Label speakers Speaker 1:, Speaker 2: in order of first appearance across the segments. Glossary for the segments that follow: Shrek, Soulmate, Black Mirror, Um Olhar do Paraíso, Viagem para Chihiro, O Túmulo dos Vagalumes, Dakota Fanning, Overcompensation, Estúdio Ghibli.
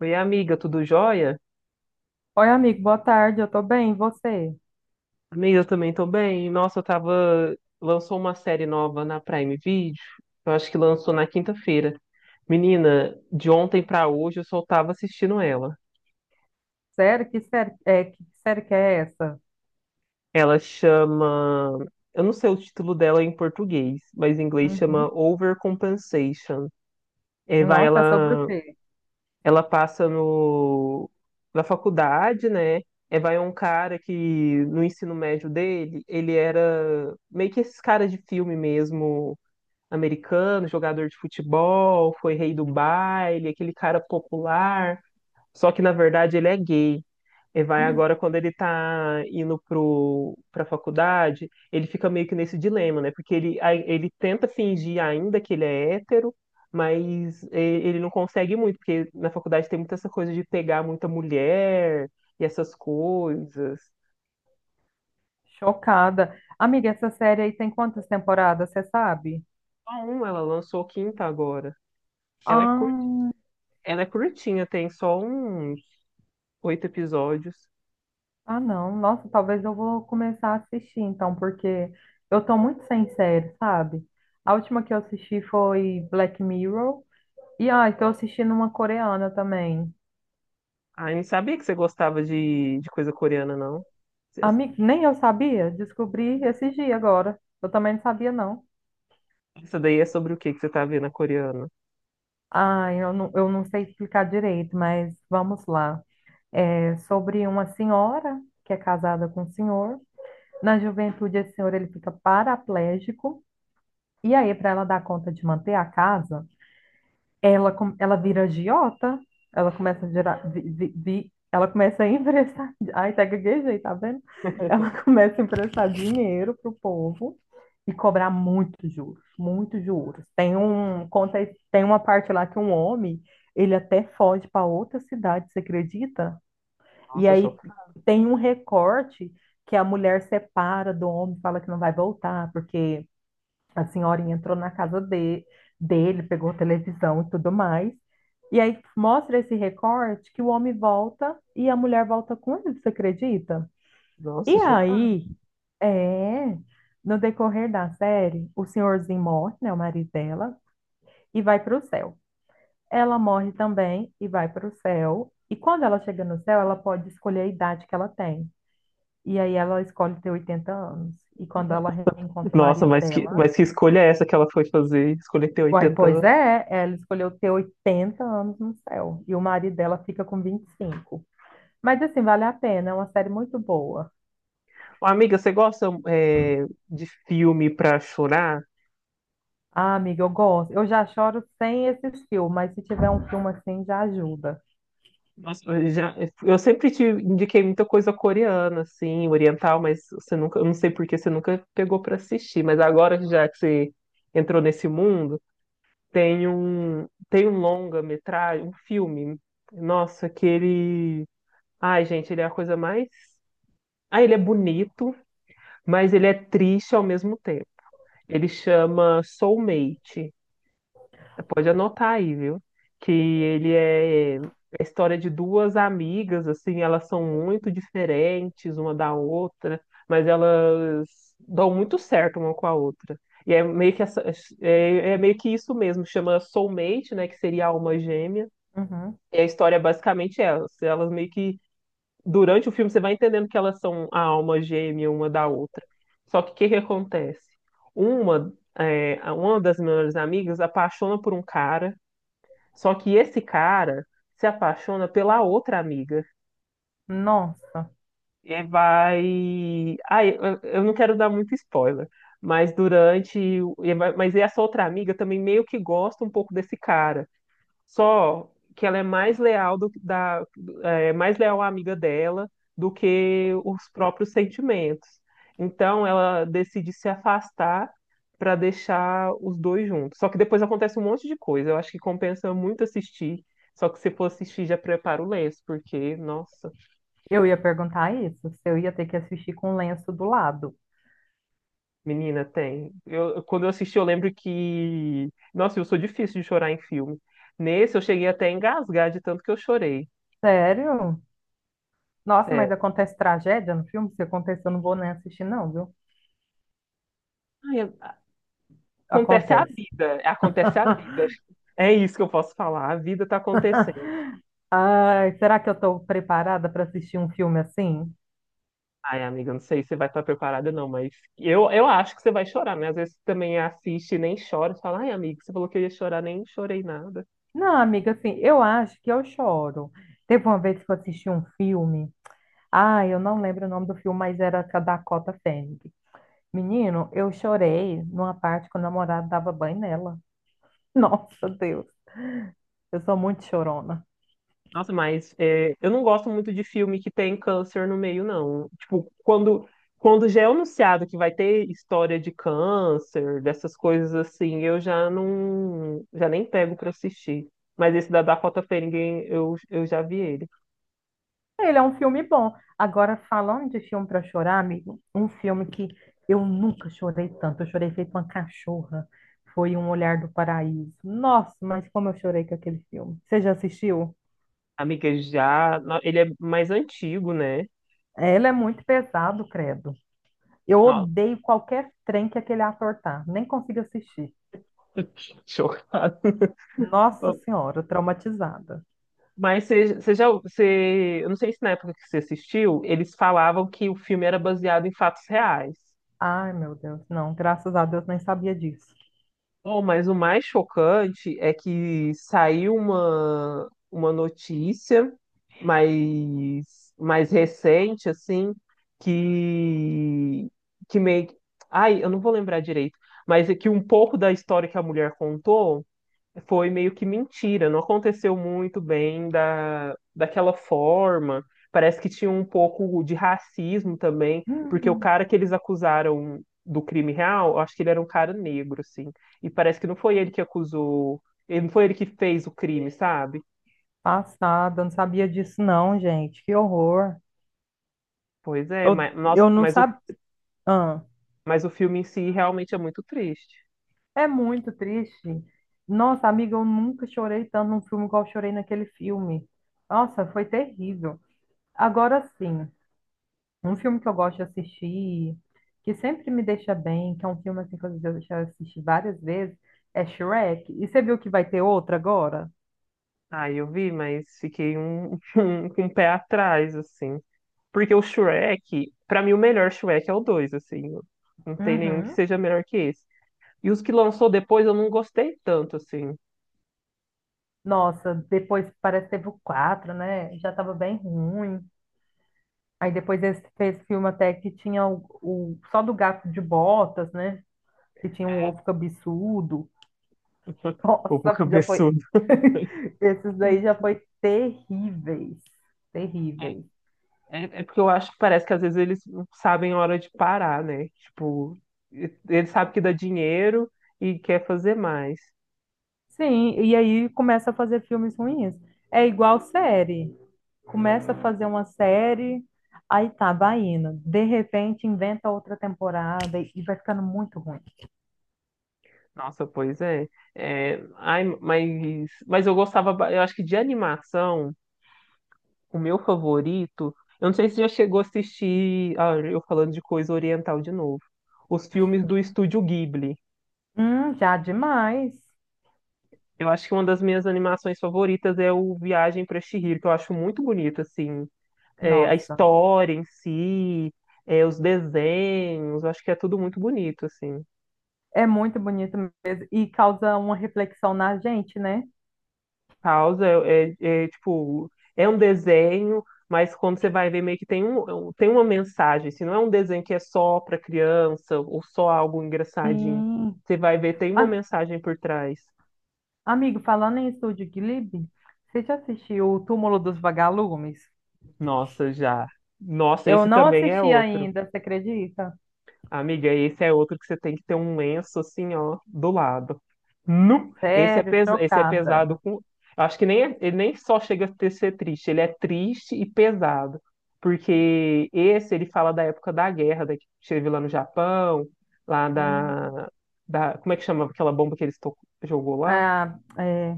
Speaker 1: Oi, amiga, tudo jóia?
Speaker 2: Oi, amigo, boa tarde, eu tô bem, e você?
Speaker 1: Amiga, eu também tô bem. Nossa, eu tava. Lançou uma série nova na Prime Video. Eu acho que lançou na quinta-feira. Menina, de ontem pra hoje eu só tava assistindo ela.
Speaker 2: Sério? Que série, que série que é essa?
Speaker 1: Ela chama. Eu não sei o título dela em português, mas em inglês chama
Speaker 2: Uhum.
Speaker 1: Overcompensation. É, vai,
Speaker 2: Nossa, é sobre o
Speaker 1: ela
Speaker 2: quê?
Speaker 1: Ela passa no na faculdade, né? É, vai um cara que no ensino médio dele, ele era meio que esses caras de filme mesmo, americano, jogador de futebol, foi rei do baile, aquele cara popular. Só que na verdade ele é gay. E vai agora quando ele tá indo pra faculdade, ele fica meio que nesse dilema, né? Porque ele, aí ele tenta fingir ainda que ele é hétero, mas ele não consegue muito, porque na faculdade tem muita essa coisa de pegar muita mulher e essas coisas.
Speaker 2: Chocada. Amiga, essa série aí tem quantas temporadas, você sabe?
Speaker 1: Só um, ela lançou quinta agora. Ela é cur...
Speaker 2: Ah,
Speaker 1: Ela é curtinha, tem só uns oito episódios.
Speaker 2: ah, não. Nossa, talvez eu vou começar a assistir então, porque eu tô muito sem série, sabe? A última que eu assisti foi Black Mirror. E tô assistindo uma coreana também.
Speaker 1: Ah, eu não sabia que você gostava de coisa coreana, não.
Speaker 2: Amiga, nem eu sabia, descobri esses dias agora. Eu também não sabia, não.
Speaker 1: Essa daí é sobre o que que você tá vendo a coreana?
Speaker 2: Ah, eu não sei explicar direito, mas vamos lá. É sobre uma senhora que é casada com um senhor. Na juventude, esse senhor ele fica paraplégico. E aí, para ela dar conta de manter a casa, ela, ela vira agiota, ela começa a gerar, ela começa a emprestar, ai, até gaguejei, tá vendo? Ela começa a emprestar dinheiro pro povo e cobrar muitos juros, muitos juros. Tem uma parte lá que um homem, ele até foge para outra cidade, você acredita? E
Speaker 1: Nossa,
Speaker 2: aí
Speaker 1: chocado.
Speaker 2: tem um recorte que a mulher separa do homem, fala que não vai voltar, porque a senhorinha entrou na dele, pegou a televisão e tudo mais. E aí mostra esse recorte que o homem volta e a mulher volta com ele, você acredita? E
Speaker 1: Nossa, chocado.
Speaker 2: aí, é, no decorrer da série, o senhorzinho morre, né, o marido dela, e vai para o céu. Ela morre também e vai para o céu. E quando ela chega no céu, ela pode escolher a idade que ela tem. E aí ela escolhe ter 80 anos. E quando ela reencontra o
Speaker 1: Nossa,
Speaker 2: marido dela,
Speaker 1: mas que escolha é essa que ela foi fazer? Escolher ter
Speaker 2: uai,
Speaker 1: 80
Speaker 2: pois
Speaker 1: anos.
Speaker 2: é, ela escolheu ter 80 anos no céu e o marido dela fica com 25. Mas assim, vale a pena, é uma série muito boa.
Speaker 1: Ô, amiga, você gosta é, de filme pra chorar?
Speaker 2: Ah, amiga, eu gosto. Eu já choro sem esses filmes, mas se tiver um filme assim já ajuda.
Speaker 1: Nossa, eu sempre te indiquei muita coisa coreana, assim, oriental, mas você nunca, eu não sei por que você nunca pegou pra assistir. Mas agora que já que você entrou nesse mundo, tem um longa-metragem, um filme. Nossa, que ele. Ai, gente, ele é a coisa mais. Ah, ele é bonito, mas ele é triste ao mesmo tempo. Ele chama Soulmate. Pode anotar aí, viu? Que ele é é a história de duas amigas, assim, elas são muito diferentes uma da outra, mas elas dão muito certo uma com a outra. E é meio que essa- é, é meio que isso mesmo, chama Soulmate, né, que seria alma gêmea.
Speaker 2: Uhum.
Speaker 1: E a história é basicamente elas, elas meio que durante o filme você vai entendendo que elas são a alma gêmea uma da outra. Só que o que que acontece? Uma, é, uma das melhores amigas apaixona por um cara, só que esse cara se apaixona pela outra amiga.
Speaker 2: Nossa,
Speaker 1: E vai. Ah, eu não quero dar muito spoiler, mas durante. Mas essa outra amiga também meio que gosta um pouco desse cara. Só que ela é mais leal é, mais leal à amiga dela do que os próprios sentimentos. Então ela decide se afastar para deixar os dois juntos. Só que depois acontece um monte de coisa. Eu acho que compensa muito assistir. Só que se for assistir, já prepara o lenço, porque, nossa,
Speaker 2: eu ia perguntar isso, se eu ia ter que assistir com o lenço do lado.
Speaker 1: menina, tem. Eu, quando eu assisti, eu lembro que. Nossa, eu sou difícil de chorar em filme. Nesse, eu cheguei até a engasgar de tanto que eu chorei.
Speaker 2: Sério? Nossa, mas acontece tragédia no filme? Se acontecer, eu não vou nem assistir, não, viu?
Speaker 1: Sério. Acontece a
Speaker 2: Acontece.
Speaker 1: vida, acontece a vida. É isso que eu posso falar, a vida tá acontecendo.
Speaker 2: Ai, será que eu estou preparada para assistir um filme assim?
Speaker 1: Ai, amiga, não sei se você vai estar preparada, não, mas eu acho que você vai chorar, né? Às vezes você também assiste e nem chora, você fala, ai, amigo, você falou que eu ia chorar, nem chorei nada.
Speaker 2: Não, amiga, assim, eu acho que eu choro. Teve uma vez que eu assisti um filme. Ah, eu não lembro o nome do filme, mas era com a Dakota Fanning. Menino, eu chorei numa parte que o namorado dava banho nela. Nossa, Deus, eu sou muito chorona.
Speaker 1: Nossa, mas é, eu não gosto muito de filme que tem câncer no meio, não. Tipo, quando já é anunciado que vai ter história de câncer, dessas coisas assim, eu já não, já nem pego pra assistir. Mas esse da Dakota Fanning, eu já vi ele.
Speaker 2: Ele é um filme bom. Agora, falando de filme para chorar, amigo, um filme que eu nunca chorei tanto. Eu chorei feito uma cachorra. Foi Um Olhar do Paraíso. Nossa, mas como eu chorei com aquele filme. Você já assistiu?
Speaker 1: Amiga, já. Ele é mais antigo, né?
Speaker 2: Ela é muito pesado, credo. Eu
Speaker 1: Nossa,
Speaker 2: odeio qualquer trem que aquele ator tá. Nem consigo assistir.
Speaker 1: chocado.
Speaker 2: Nossa Senhora, traumatizada.
Speaker 1: Mas você já. Você... Eu não sei se na época que você assistiu, eles falavam que o filme era baseado em fatos reais.
Speaker 2: Ai, meu Deus. Não, graças a Deus, nem sabia disso.
Speaker 1: Oh, mas o mais chocante é que saiu uma notícia mais recente, assim, que, que meio. Ai, eu não vou lembrar direito, mas é que um pouco da história que a mulher contou. Foi meio que mentira, não aconteceu muito bem daquela forma. Parece que tinha um pouco de racismo também, porque o
Speaker 2: Hum,
Speaker 1: cara que eles acusaram do crime real, eu acho que ele era um cara negro, assim. E parece que não foi ele que acusou, ele não foi ele que fez o crime, sabe?
Speaker 2: passada, não sabia disso não, gente. Que horror.
Speaker 1: Pois é, mas, nossa,
Speaker 2: Eu não sabia. Ah,
Speaker 1: mas o filme em si realmente é muito triste.
Speaker 2: é muito triste. Nossa, amiga, eu nunca chorei tanto num filme igual eu chorei naquele filme. Nossa, foi terrível. Agora sim, um filme que eu gosto de assistir, que sempre me deixa bem, que é um filme assim que eu já assisti várias vezes, é Shrek. E você viu que vai ter outro agora?
Speaker 1: Ah, eu vi, mas fiquei um, com o pé atrás, assim. Porque o Shrek, pra mim, o melhor Shrek é o 2 assim. Não tem nenhum que
Speaker 2: Uhum.
Speaker 1: seja melhor que esse. E os que lançou depois eu não gostei tanto, assim.
Speaker 2: Nossa, depois parece que teve o 4, né? Já tava bem ruim. Aí depois esse fez filme até que tinha só do gato de botas, né? Que tinha um
Speaker 1: É.
Speaker 2: ovo cabeçudo.
Speaker 1: O
Speaker 2: Nossa, já foi.
Speaker 1: cabeçudo.
Speaker 2: Esses daí já foi terríveis.
Speaker 1: É,
Speaker 2: Terríveis.
Speaker 1: é, porque eu acho que parece que às vezes eles não sabem a hora de parar, né? Tipo, eles sabem que dá dinheiro e quer fazer mais.
Speaker 2: Sim, e aí começa a fazer filmes ruins. É igual série. Começa a fazer uma série, aí tá, vai indo. De repente inventa outra temporada e vai ficando muito ruim.
Speaker 1: Nossa, pois é. É, ai, mas eu gostava, eu acho que de animação. O meu favorito, eu não sei se já chegou a assistir, ah, eu falando de coisa oriental de novo, os filmes do Estúdio Ghibli.
Speaker 2: Já demais.
Speaker 1: Eu acho que uma das minhas animações favoritas é o Viagem para Chihiro, que eu acho muito bonito, assim, é, a
Speaker 2: Nossa,
Speaker 1: história em si, é, os desenhos, eu acho que é tudo muito bonito, assim.
Speaker 2: é muito bonito mesmo. E causa uma reflexão na gente, né?
Speaker 1: Causa é, tipo, é um desenho, mas quando você vai ver, meio que tem um, tem uma mensagem. Se não é um desenho que é só para criança ou só algo engraçadinho.
Speaker 2: Sim.
Speaker 1: Você vai ver, tem uma
Speaker 2: Ah,
Speaker 1: mensagem por trás.
Speaker 2: amigo, falando em Estúdio Ghibli, você já assistiu O Túmulo dos Vagalumes?
Speaker 1: Nossa, já. Nossa,
Speaker 2: Eu
Speaker 1: esse
Speaker 2: não
Speaker 1: também é
Speaker 2: assisti
Speaker 1: outro.
Speaker 2: ainda, você acredita?
Speaker 1: Amiga, esse é outro que você tem que ter um lenço assim, ó, do lado. Nu!
Speaker 2: Sério,
Speaker 1: Esse é
Speaker 2: chocada.
Speaker 1: pesado com. Eu Acho que nem ele nem só chega a ser triste, ele é triste e pesado. Porque esse ele fala da época da guerra, da que teve lá no Japão, lá
Speaker 2: Hum.
Speaker 1: da, da. Como é que chama aquela bomba que eles jogou lá?
Speaker 2: Ah, é,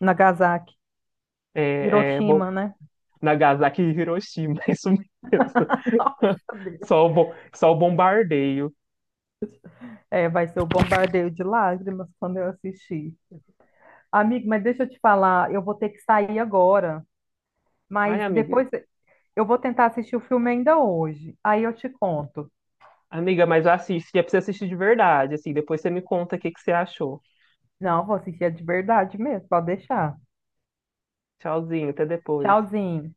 Speaker 2: Nagasaki,
Speaker 1: É, é, bom,
Speaker 2: Hiroshima, né?
Speaker 1: Nagasaki e Hiroshima, é isso mesmo.
Speaker 2: Nossa, Deus.
Speaker 1: Só o bombardeio.
Speaker 2: É, vai ser o bombardeio de lágrimas quando eu assistir. Amigo, mas deixa eu te falar, eu vou ter que sair agora,
Speaker 1: Ai,
Speaker 2: mas
Speaker 1: amiga,
Speaker 2: depois eu vou tentar assistir o filme ainda hoje. Aí eu te conto.
Speaker 1: Amiga, mas assiste, é pra você assistir de verdade, assim, depois você me conta o que que você achou.
Speaker 2: Não, vou assistir é de verdade mesmo, pode deixar.
Speaker 1: Tchauzinho, até depois.
Speaker 2: Tchauzinho.